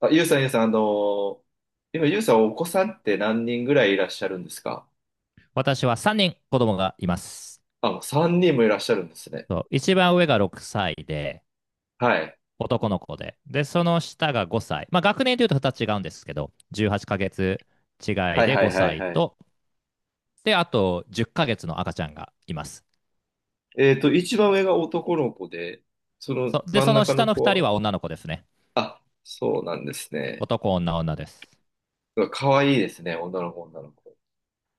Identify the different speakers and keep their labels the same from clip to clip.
Speaker 1: あ、ゆうさん、ゆうさん、ー今、ゆうさん、お子さんって何人ぐらいいらっしゃるんですか？
Speaker 2: 私は3人子供がいます。
Speaker 1: あ、もう3人もいらっしゃるんですね。
Speaker 2: そう、一番上が6歳で、
Speaker 1: はい。
Speaker 2: 男の子で。で、その下が5歳。まあ、学年でいうと2つ違うんですけど、18ヶ月違
Speaker 1: は
Speaker 2: い
Speaker 1: い
Speaker 2: で
Speaker 1: はいは
Speaker 2: 5
Speaker 1: い
Speaker 2: 歳
Speaker 1: はい。
Speaker 2: と、で、あと10ヶ月の赤ちゃんがいます。
Speaker 1: 一番上が男の子で、その
Speaker 2: そうで、
Speaker 1: 真
Speaker 2: そ
Speaker 1: ん
Speaker 2: の
Speaker 1: 中
Speaker 2: 下
Speaker 1: の
Speaker 2: の
Speaker 1: 子
Speaker 2: 2人
Speaker 1: は、
Speaker 2: は女の子ですね。
Speaker 1: あ、そうなんですね。
Speaker 2: 男、女、女です。
Speaker 1: うわ可愛いですね、女の子、女の子。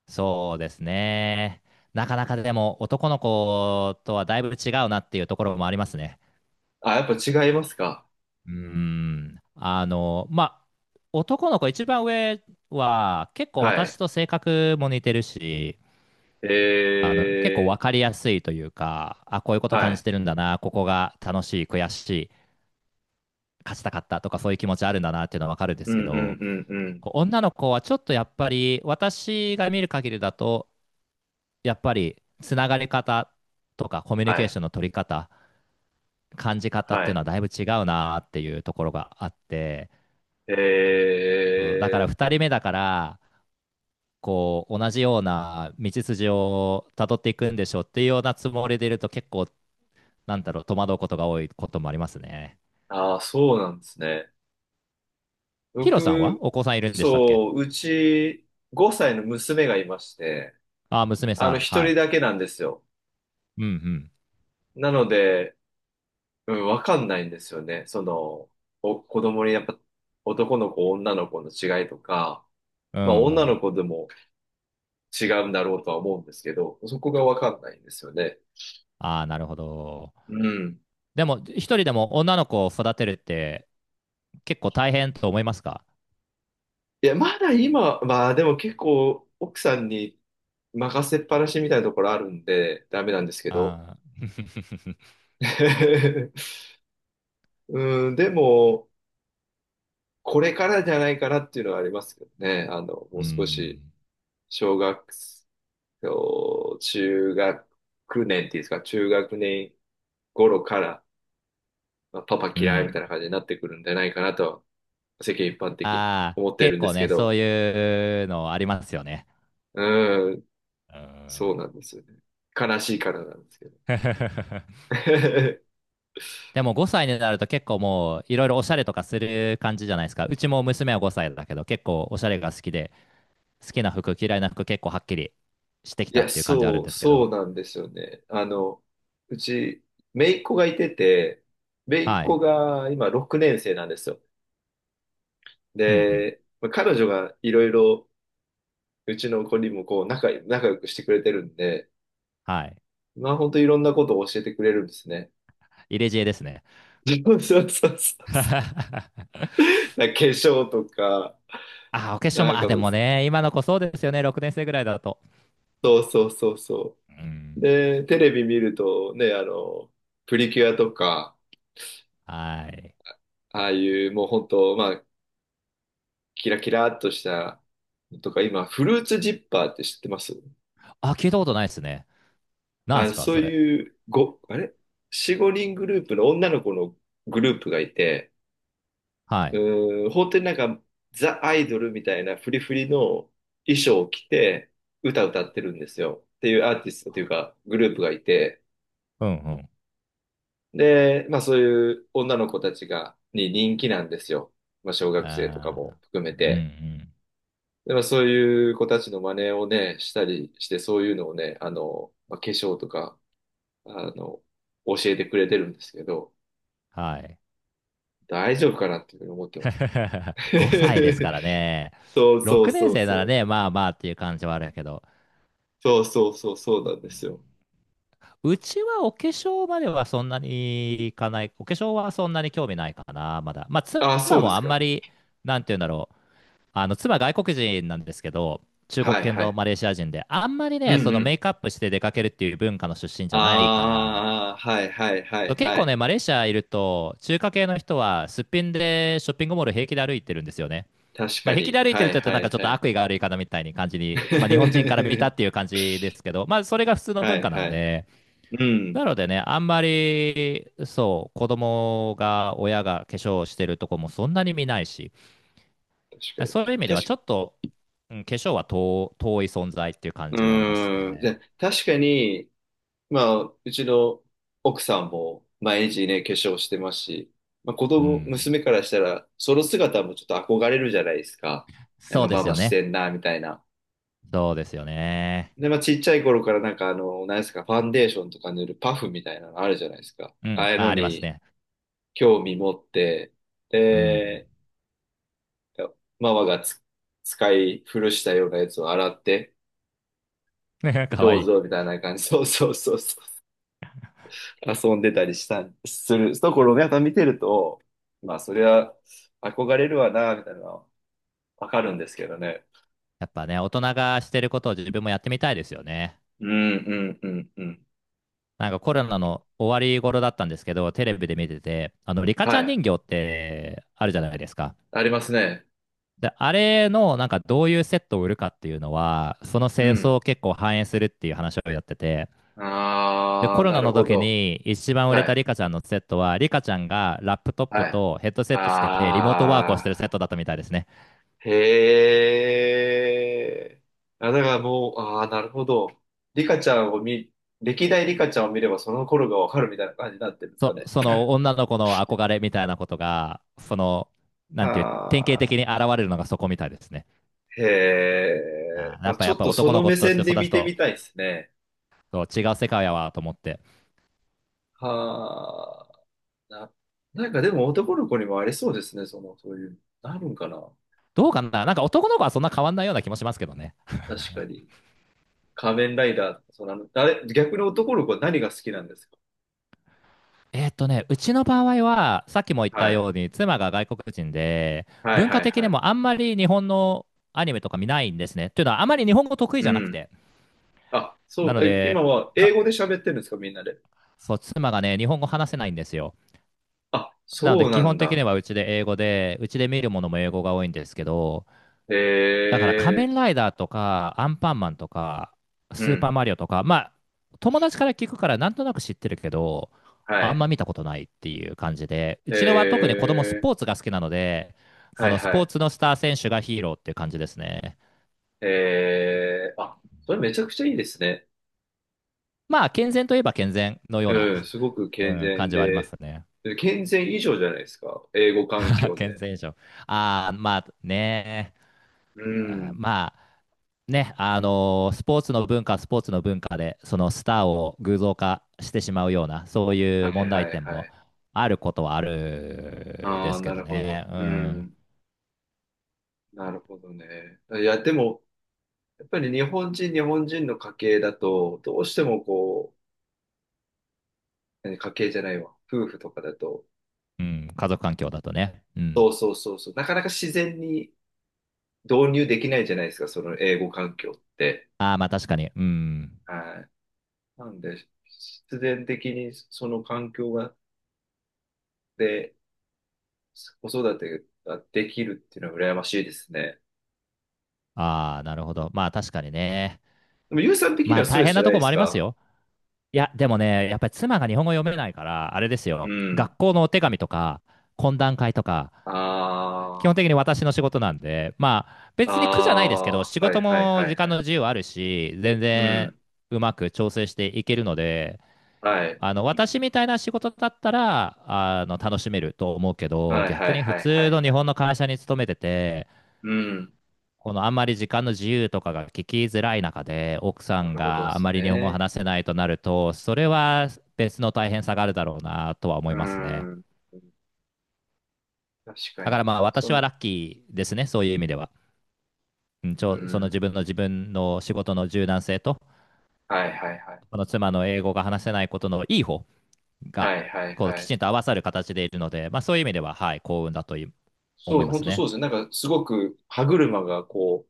Speaker 2: そうですね。なかなかでも男の子とはだいぶ違うなっていうところもありますね。
Speaker 1: あ、やっぱ違いますか？
Speaker 2: うーん。あの、まあ、男の子、一番上は結構
Speaker 1: は
Speaker 2: 私
Speaker 1: い。
Speaker 2: と性格も似てるし、結構分
Speaker 1: え
Speaker 2: かりやすいというか、あ、こういうこと
Speaker 1: は
Speaker 2: 感じ
Speaker 1: い。
Speaker 2: てるんだな、ここが楽しい、悔しい、勝ちたかったとかそういう気持ちあるんだなっていうのは分かるんで
Speaker 1: う
Speaker 2: すけ
Speaker 1: んうん
Speaker 2: ど、
Speaker 1: うんうん。
Speaker 2: こう女の子はちょっとやっぱり私が見る限りだと、やっぱりつながり方とかコミュニ
Speaker 1: は
Speaker 2: ケーシ
Speaker 1: い。
Speaker 2: ョンの取り方、感じ方っ
Speaker 1: は
Speaker 2: ていうの
Speaker 1: い。
Speaker 2: はだいぶ違うなっていうところがあって、
Speaker 1: え
Speaker 2: そうだから
Speaker 1: ー、
Speaker 2: 二人目だから、こう同じような道筋をたどっていくんでしょうっていうようなつもりでいると結構なんだろう、戸惑うことが多いこともありますね。
Speaker 1: ああそうなんですね。
Speaker 2: ヒロさんは
Speaker 1: 僕、
Speaker 2: お子さんいるんでしたっけ？
Speaker 1: そう、うち5歳の娘がいまして、
Speaker 2: ああ、娘さん。
Speaker 1: 一
Speaker 2: は
Speaker 1: 人
Speaker 2: い。
Speaker 1: だけなんですよ。
Speaker 2: うん
Speaker 1: なので、うん、わかんないんですよね。子供にやっぱ男の子、女の子の違いとか、
Speaker 2: う
Speaker 1: まあ
Speaker 2: ん。うん
Speaker 1: 女
Speaker 2: う
Speaker 1: の
Speaker 2: ん。
Speaker 1: 子でも違うんだろうとは思うんですけど、そこがわかんないんですよね。
Speaker 2: ああ、なるほど。
Speaker 1: うん。
Speaker 2: でも、一人でも女の子を育てるって結構大変と思いますか？
Speaker 1: いや、まだ今、まあでも結構奥さんに任せっぱなしみたいなところあるんで、ダメなんですけど。
Speaker 2: ああー。
Speaker 1: うん、でも、これからじゃないかなっていうのはありますけどね。も
Speaker 2: う
Speaker 1: う少し、
Speaker 2: ん。
Speaker 1: 小学生、中学年っていうんですか、中学年頃から、まあパパ
Speaker 2: う
Speaker 1: 嫌いみたい
Speaker 2: ん。
Speaker 1: な感じになってくるんじゃないかなと、世間一般的に
Speaker 2: ああ、
Speaker 1: 思って
Speaker 2: 結
Speaker 1: るんで
Speaker 2: 構
Speaker 1: す
Speaker 2: ね、
Speaker 1: け
Speaker 2: そう
Speaker 1: ど、
Speaker 2: いうのありますよね。
Speaker 1: うーん、
Speaker 2: う
Speaker 1: そ
Speaker 2: ん。
Speaker 1: うなんですよね。悲しいからなんですけど。
Speaker 2: でも5歳になると結構もういろいろおしゃれとかする感じじゃないですか。うちも娘は5歳だけど結構おしゃれが好きで、好きな服、嫌いな服結構はっきりしてき
Speaker 1: い
Speaker 2: たっ
Speaker 1: や、
Speaker 2: ていう感じある
Speaker 1: そ
Speaker 2: ん
Speaker 1: う、
Speaker 2: ですけ
Speaker 1: そ
Speaker 2: ど。
Speaker 1: うなんですよね。うち、姪っ子がいてて、姪っ
Speaker 2: はい。
Speaker 1: 子が今6年生なんですよ。
Speaker 2: うんうん。
Speaker 1: で、まあ彼女がいろいろうちの子にもこう仲良くしてくれてるんで、
Speaker 2: はい。
Speaker 1: まあ本当いろんなことを教えてくれるんですね。
Speaker 2: 入れ知恵ですね。
Speaker 1: そうそうそうそう。なんか化粧とか、
Speaker 2: あ、お化粧
Speaker 1: な
Speaker 2: も、
Speaker 1: ん
Speaker 2: あ、
Speaker 1: か
Speaker 2: で
Speaker 1: もう、
Speaker 2: もね、今の子そうですよね。6年生ぐらいだと。
Speaker 1: そうそうそうそ
Speaker 2: う
Speaker 1: う。
Speaker 2: ん。
Speaker 1: で、テレビ見るとね、プリキュアとか、
Speaker 2: はい。
Speaker 1: ああいうもう本当、まあ、キラキラっとしたのとか、今、フルーツジッパーって知ってます？
Speaker 2: あ、聞いたことないですね。なんで
Speaker 1: あ、
Speaker 2: すか、
Speaker 1: そう
Speaker 2: それ。
Speaker 1: いう、あれ ?4、5人グループの女の子のグループがいて、
Speaker 2: はい。
Speaker 1: うん、本当になんか、ザ・アイドルみたいなフリフリの衣装を着て、歌歌ってるんですよ。っていうアーティストというか、グループがいて、
Speaker 2: うんうん。
Speaker 1: で、まあそういう女の子たちが、に人気なんですよ。まあ小学生とか
Speaker 2: あ
Speaker 1: も含め
Speaker 2: ーうんう
Speaker 1: て。
Speaker 2: ん。
Speaker 1: で、まあそういう子たちの真似をね、したりして、そういうのをね、まあ、化粧とか、あの、教えてくれてるんですけど、
Speaker 2: はい。
Speaker 1: 大丈夫かなっていうふうに思ってます。
Speaker 2: 5歳ですからね。
Speaker 1: そうそう
Speaker 2: 6年
Speaker 1: そう
Speaker 2: 生
Speaker 1: そ
Speaker 2: なら
Speaker 1: う。
Speaker 2: ね、まあまあっていう感じはあるけど。
Speaker 1: そうそうそうそうなんですよ。
Speaker 2: うちはお化粧まではそんなにいかない。お化粧はそんなに興味ないかな、まだ。まあ、妻
Speaker 1: ああ、そうで
Speaker 2: も
Speaker 1: す
Speaker 2: あん
Speaker 1: か。
Speaker 2: まり、なんて言うんだろう。妻外国人なんですけど、中国
Speaker 1: はい
Speaker 2: 系
Speaker 1: は
Speaker 2: の
Speaker 1: い。
Speaker 2: マレーシア人で、あんまり
Speaker 1: う
Speaker 2: ね、
Speaker 1: ん
Speaker 2: そ
Speaker 1: う
Speaker 2: のメ
Speaker 1: ん。
Speaker 2: イクアップして出かけるっていう文化の出身じゃないから、
Speaker 1: ああ、はいはいはい
Speaker 2: 結
Speaker 1: は
Speaker 2: 構
Speaker 1: い。
Speaker 2: ね、マレーシアいると、中華系の人はすっぴんでショッピングモール平気で歩いてるんですよね。
Speaker 1: 確
Speaker 2: まあ、
Speaker 1: か
Speaker 2: 平気
Speaker 1: に。
Speaker 2: で歩いて
Speaker 1: は
Speaker 2: るっ
Speaker 1: い
Speaker 2: て言うと
Speaker 1: は
Speaker 2: なん
Speaker 1: い
Speaker 2: かちょっ
Speaker 1: は
Speaker 2: と
Speaker 1: い。
Speaker 2: 悪意がある言い方みたいに感じに、まあ、日本人から見たっ ていう感じですけど、まあ、それが普通の
Speaker 1: は
Speaker 2: 文
Speaker 1: い
Speaker 2: 化な
Speaker 1: は
Speaker 2: ん
Speaker 1: いは
Speaker 2: で、
Speaker 1: い。うん。
Speaker 2: なのでね、あんまり、そう、子供が、親が化粧をしてるとこもそんなに見ないし、
Speaker 1: 確か
Speaker 2: そ
Speaker 1: に
Speaker 2: ういう意
Speaker 1: ね。
Speaker 2: 味ではちょっと、うん、化粧は遠い存在っていう感
Speaker 1: う
Speaker 2: じはあります
Speaker 1: ーん。じ
Speaker 2: ね。
Speaker 1: ゃ、確かに、まあ、うちの奥さんも毎日ね、化粧してますし、まあ、子
Speaker 2: う
Speaker 1: 供、
Speaker 2: ん。
Speaker 1: 娘からしたら、その姿もちょっと憧れるじゃないですか。なん
Speaker 2: そ
Speaker 1: か
Speaker 2: うで
Speaker 1: マ
Speaker 2: す
Speaker 1: マ
Speaker 2: よ
Speaker 1: し
Speaker 2: ね。
Speaker 1: てんな、みたいな。
Speaker 2: そうですよね。
Speaker 1: で、まあ、ちっちゃい頃からなんか何ですか、ファンデーションとか塗るパフみたいなのあるじゃないですか。
Speaker 2: う
Speaker 1: あ
Speaker 2: ん。
Speaker 1: あいう
Speaker 2: あ、
Speaker 1: の
Speaker 2: あります
Speaker 1: に
Speaker 2: ね。
Speaker 1: 興味持って、
Speaker 2: うん。
Speaker 1: で、ママが使い古したようなやつを洗って、
Speaker 2: か
Speaker 1: ど
Speaker 2: わ
Speaker 1: う
Speaker 2: いい。
Speaker 1: ぞみたいな感じ、そうそうそうそう、遊んでたりしたん、するところをやっぱ見てると、まあ、それは憧れるわな、みたいなのはわかるんですけどね。
Speaker 2: やっぱね、大人がしてることを自分もやってみたいですよね。
Speaker 1: うん、うん、うん、うん。
Speaker 2: なんかコロナの終わり頃だったんですけど、テレビで見てて、リカち
Speaker 1: は
Speaker 2: ゃん
Speaker 1: い。
Speaker 2: 人形ってあるじゃないですか。
Speaker 1: ありますね。
Speaker 2: で、あれのなんかどういうセットを売るかっていうのは、その
Speaker 1: う
Speaker 2: 清
Speaker 1: ん。
Speaker 2: 掃を結構反映するっていう話をやってて、で、
Speaker 1: あ
Speaker 2: コ
Speaker 1: あ、
Speaker 2: ロ
Speaker 1: な
Speaker 2: ナ
Speaker 1: る
Speaker 2: の
Speaker 1: ほ
Speaker 2: 時
Speaker 1: ど。
Speaker 2: に一番売れ
Speaker 1: は
Speaker 2: た
Speaker 1: い。
Speaker 2: リカちゃんのセットは、リカちゃんがラップトップ
Speaker 1: はい。
Speaker 2: とヘッドセットつけてリモートワークをしてるセッ
Speaker 1: あ
Speaker 2: トだったみたいですね。
Speaker 1: ー、へえ。あ、だからもう、ああ、なるほど。リカちゃんを見、歴代リカちゃんを見ればその頃がわかるみたいな感じになってるんですかね。
Speaker 2: その女の子の憧れみたいなことが、その、な
Speaker 1: は
Speaker 2: んていう、典型的に
Speaker 1: あ、
Speaker 2: 現れるのがそこみたいですね。
Speaker 1: へえ。
Speaker 2: あー、やっ
Speaker 1: あ
Speaker 2: ぱ
Speaker 1: ちょ
Speaker 2: やっ
Speaker 1: っ
Speaker 2: ぱ
Speaker 1: とそ
Speaker 2: 男の
Speaker 1: の
Speaker 2: 子
Speaker 1: 目
Speaker 2: として
Speaker 1: 線
Speaker 2: 育
Speaker 1: で
Speaker 2: つ
Speaker 1: 見て
Speaker 2: と
Speaker 1: みたいですね。
Speaker 2: 違う世界やわと思って。
Speaker 1: はあ、なんかでも男の子にもありそうですね、その、そういう、なるんかな。
Speaker 2: どうかな、なんか男の子はそんな変わんないような気もしますけどね。
Speaker 1: 確かに。仮面ライダーとか、その、あの、あれ、逆に男の子は何が好きなんですか？
Speaker 2: うちの場合は、さっきも言っ
Speaker 1: は
Speaker 2: た
Speaker 1: い。
Speaker 2: ように、妻が外国人で、
Speaker 1: はい
Speaker 2: 文
Speaker 1: は
Speaker 2: 化
Speaker 1: い
Speaker 2: 的
Speaker 1: は
Speaker 2: に
Speaker 1: い。
Speaker 2: もあんまり日本のアニメとか見ないんですね。というのは、あまり日本語得意
Speaker 1: う
Speaker 2: じゃなく
Speaker 1: ん。
Speaker 2: て。
Speaker 1: あ、そ
Speaker 2: な
Speaker 1: う、
Speaker 2: の
Speaker 1: 今
Speaker 2: で、
Speaker 1: は英
Speaker 2: か
Speaker 1: 語で喋ってるんですか、みんなで。
Speaker 2: そう、妻がね、日本語話せないんですよ。
Speaker 1: あ、
Speaker 2: なの
Speaker 1: そ
Speaker 2: で、
Speaker 1: う
Speaker 2: 基
Speaker 1: な
Speaker 2: 本
Speaker 1: ん
Speaker 2: 的
Speaker 1: だ。
Speaker 2: にはうちで英語で、うちで見るものも英語が多いんですけど、
Speaker 1: へ
Speaker 2: だから仮
Speaker 1: え、
Speaker 2: 面ライダーとか、アンパンマンとか、
Speaker 1: う
Speaker 2: スーパー
Speaker 1: ん、
Speaker 2: マリオとか、まあ、友達から聞くからなんとなく知ってるけど、
Speaker 1: は
Speaker 2: あん
Speaker 1: い。
Speaker 2: ま見たことないっていう感じで、う
Speaker 1: へ
Speaker 2: ちのは特に子供ス
Speaker 1: え、
Speaker 2: ポーツが好きなので、そ
Speaker 1: はい
Speaker 2: のス
Speaker 1: は
Speaker 2: ポー
Speaker 1: い。
Speaker 2: ツのスター選手がヒーローっていう感じですね。
Speaker 1: へえ、あ、それめちゃくちゃいいですね。
Speaker 2: まあ、健全といえば健全のような、
Speaker 1: うん、すごく
Speaker 2: う
Speaker 1: 健
Speaker 2: ん、感
Speaker 1: 全
Speaker 2: じはあります
Speaker 1: で、
Speaker 2: ね。
Speaker 1: 健全以上じゃないですか、英語環 境
Speaker 2: 健
Speaker 1: で。
Speaker 2: 全以上。ああ、まあね、
Speaker 1: う
Speaker 2: あー
Speaker 1: ん、
Speaker 2: まあ、ね、スポーツの文化、スポーツの文化で、そのスターを偶像化してしまうような、そうい
Speaker 1: は
Speaker 2: う
Speaker 1: い
Speaker 2: 問
Speaker 1: は
Speaker 2: 題
Speaker 1: い
Speaker 2: 点
Speaker 1: は
Speaker 2: も
Speaker 1: い。
Speaker 2: あることはあるで
Speaker 1: ああ、
Speaker 2: すけ
Speaker 1: な
Speaker 2: ど
Speaker 1: るほど。
Speaker 2: ね。う
Speaker 1: う
Speaker 2: ん。
Speaker 1: ん、なるほどね。いや、でも、やっぱり日本人の家系だと、どうしてもこう、え家計じゃないわ。夫婦とかだと。
Speaker 2: うん、家族環境だとね。うん。
Speaker 1: そうそうそうそう。なかなか自然に導入できないじゃないですか、その英語環境って。
Speaker 2: ああ、まあ確かに。うん。
Speaker 1: はい。なんで、必然的にその環境が、で、子育てができるっていうのは羨ましいですね。
Speaker 2: ああ、なるほど。まあ確かにね。
Speaker 1: でも、ゆうさん的に
Speaker 2: ま
Speaker 1: は
Speaker 2: あ
Speaker 1: スト
Speaker 2: 大
Speaker 1: レス
Speaker 2: 変
Speaker 1: じゃ
Speaker 2: な
Speaker 1: な
Speaker 2: と
Speaker 1: い
Speaker 2: こ
Speaker 1: で
Speaker 2: も
Speaker 1: す
Speaker 2: あります
Speaker 1: か？
Speaker 2: よ。いや、でもね、やっぱり妻が日本語読めないから、あれですよ。
Speaker 1: うん。
Speaker 2: 学校のお手紙とか、懇談会とか、基
Speaker 1: あ
Speaker 2: 本的に私の仕事なんで、まあ、
Speaker 1: あ、
Speaker 2: 別に苦じゃないですけど、
Speaker 1: あ
Speaker 2: 仕
Speaker 1: あは
Speaker 2: 事
Speaker 1: いはい
Speaker 2: も
Speaker 1: は
Speaker 2: 時
Speaker 1: いは
Speaker 2: 間の
Speaker 1: い。
Speaker 2: 自由あるし、全
Speaker 1: う
Speaker 2: 然
Speaker 1: ん。
Speaker 2: うまく調整していけるので、
Speaker 1: はい。
Speaker 2: 私みたいな仕事だったら楽しめると思うけど、
Speaker 1: はい
Speaker 2: 逆
Speaker 1: はい
Speaker 2: に普
Speaker 1: はいは
Speaker 2: 通の
Speaker 1: い
Speaker 2: 日
Speaker 1: は
Speaker 2: 本の
Speaker 1: い。
Speaker 2: 会社に勤めてて、
Speaker 1: うん。
Speaker 2: このあんまり時間の自由とかが聞きづらい中で、奥さ
Speaker 1: な
Speaker 2: ん
Speaker 1: るほどで
Speaker 2: があん
Speaker 1: す
Speaker 2: まり日本語を
Speaker 1: ね。
Speaker 2: 話せないとなると、それは別の大変さがあるだろうなとは思
Speaker 1: う
Speaker 2: いますね。
Speaker 1: ん。確か
Speaker 2: だから
Speaker 1: に。
Speaker 2: まあ
Speaker 1: そ
Speaker 2: 私は
Speaker 1: の、
Speaker 2: ラッキーですね、そういう意味では。うん、
Speaker 1: う
Speaker 2: その
Speaker 1: ん。
Speaker 2: 自分の仕事の柔軟性と、
Speaker 1: はいはいはい。
Speaker 2: この妻の英語が話せないことのいい方が、
Speaker 1: はいはい
Speaker 2: こう
Speaker 1: は
Speaker 2: き
Speaker 1: い。
Speaker 2: ちんと合わさる形でいるので、まあ、そういう意味では、はい、幸運だとい思
Speaker 1: そ
Speaker 2: い
Speaker 1: う、
Speaker 2: ま
Speaker 1: 本
Speaker 2: す
Speaker 1: 当そ
Speaker 2: ね。
Speaker 1: うですね。なんかすごく歯車がこ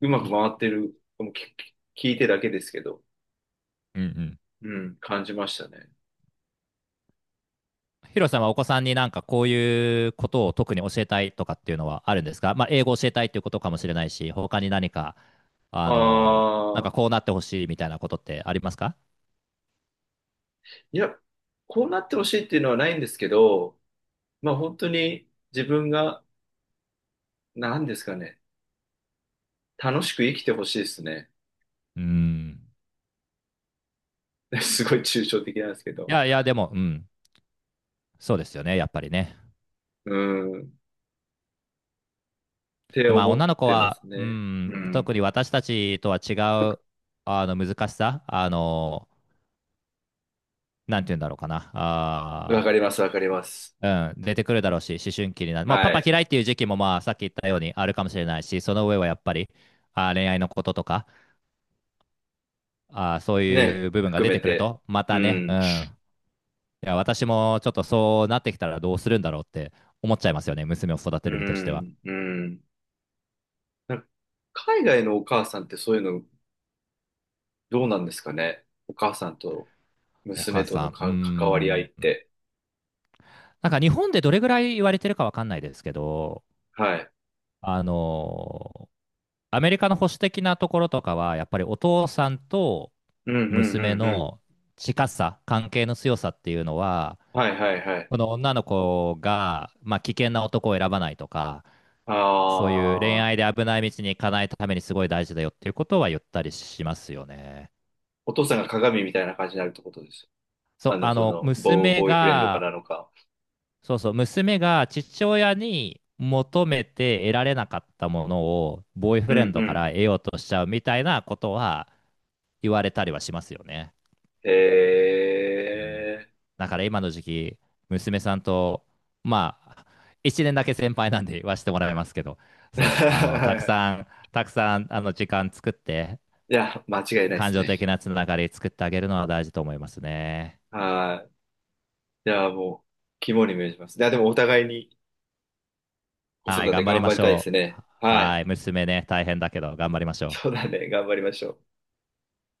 Speaker 1: う、うまく回ってる、もう聞いてだけですけど、
Speaker 2: うんうん。
Speaker 1: うん、感じましたね。
Speaker 2: ヒロさんはお子さんになんかこういうことを特に教えたいとかっていうのはあるんですか、まあ、英語を教えたいっていうことかもしれないし、他に何か、あ
Speaker 1: あ
Speaker 2: の、なん
Speaker 1: あ、
Speaker 2: かこうなってほしいみたいなことってありますか？
Speaker 1: いや、こうなってほしいっていうのはないんですけど、まあ本当に自分が、なんですかね、楽しく生きてほしいですね。
Speaker 2: うん。
Speaker 1: すごい抽象的なんですけ
Speaker 2: い
Speaker 1: ど。
Speaker 2: やいや、でも、うん、そうですよね、やっぱりね。
Speaker 1: うん、って
Speaker 2: で、まあ、
Speaker 1: 思っ
Speaker 2: 女の子
Speaker 1: てま
Speaker 2: は、
Speaker 1: す
Speaker 2: う
Speaker 1: ね。う
Speaker 2: ん、
Speaker 1: ん。
Speaker 2: 特に私たちとは違う、難しさ、なんて言うんだろうかな。
Speaker 1: わ
Speaker 2: あ
Speaker 1: か
Speaker 2: ー、
Speaker 1: ります、わかります。
Speaker 2: うん、出てくるだろうし、思春期になる。まあ、パ
Speaker 1: は
Speaker 2: パ
Speaker 1: い。
Speaker 2: 嫌いっていう時期も、まあ、さっき言ったようにあるかもしれないし、その上はやっぱり、あー、恋愛のこととか、あー、そうい
Speaker 1: ね、
Speaker 2: う部分が
Speaker 1: 含
Speaker 2: 出
Speaker 1: め
Speaker 2: てくる
Speaker 1: て。
Speaker 2: と、ま
Speaker 1: う
Speaker 2: たね、う
Speaker 1: ん、
Speaker 2: ん。いや、私もちょっとそうなってきたらどうするんだろうって思っちゃいますよね。娘を育
Speaker 1: う
Speaker 2: てる身としては。
Speaker 1: ん、うん。なんか海外のお母さんってそういうのどうなんですかね。お母さんと
Speaker 2: お
Speaker 1: 娘
Speaker 2: 母
Speaker 1: と
Speaker 2: さ
Speaker 1: の
Speaker 2: ん、うー
Speaker 1: 関わり合いっ
Speaker 2: ん。
Speaker 1: て。
Speaker 2: なんか日本でどれぐらい言われてるかわかんないですけど、
Speaker 1: はい。
Speaker 2: あの、アメリカの保守的なところとかは、やっぱりお父さんと
Speaker 1: うん、うん、う
Speaker 2: 娘
Speaker 1: ん、うん。
Speaker 2: の近さ、関係の強さっていうのは、
Speaker 1: はい、はい、はい。
Speaker 2: この女の子が、まあ、危険な男を選ばないとか、そういう恋
Speaker 1: ああ、
Speaker 2: 愛で危ない道に行かないためにすごい大事だよっていうことは言ったりしますよね。
Speaker 1: お父さんが鏡みたいな感じになるってことです。
Speaker 2: そう、娘
Speaker 1: ボーイフレンドか
Speaker 2: が、
Speaker 1: らのか。
Speaker 2: そう、娘が父親に求めて得られなかったものを、ボーイ
Speaker 1: う
Speaker 2: フレ
Speaker 1: ん、
Speaker 2: ン
Speaker 1: う
Speaker 2: ドか
Speaker 1: ん。
Speaker 2: ら得ようとしちゃうみたいなことは、言われたりはしますよね。うん、
Speaker 1: え
Speaker 2: だから今の時期、娘さんと、まあ、1年だけ先輩なんで言わせてもらいますけど、そう、
Speaker 1: ー。
Speaker 2: たくさん、時間作って、
Speaker 1: いや、間違いないで
Speaker 2: 感
Speaker 1: す
Speaker 2: 情的
Speaker 1: ね。
Speaker 2: なつながり作ってあげるのは大事と思いますね。
Speaker 1: はい。いや、もう、肝に銘じます。いや、でもお互いに、子
Speaker 2: はい、
Speaker 1: 育て
Speaker 2: 頑張り
Speaker 1: 頑
Speaker 2: ま
Speaker 1: 張り
Speaker 2: し
Speaker 1: たいです
Speaker 2: ょう。
Speaker 1: ね。は
Speaker 2: は
Speaker 1: い。
Speaker 2: い、娘ね、大変だけど、頑張りましょ
Speaker 1: そう
Speaker 2: う。
Speaker 1: だね。頑張りましょう。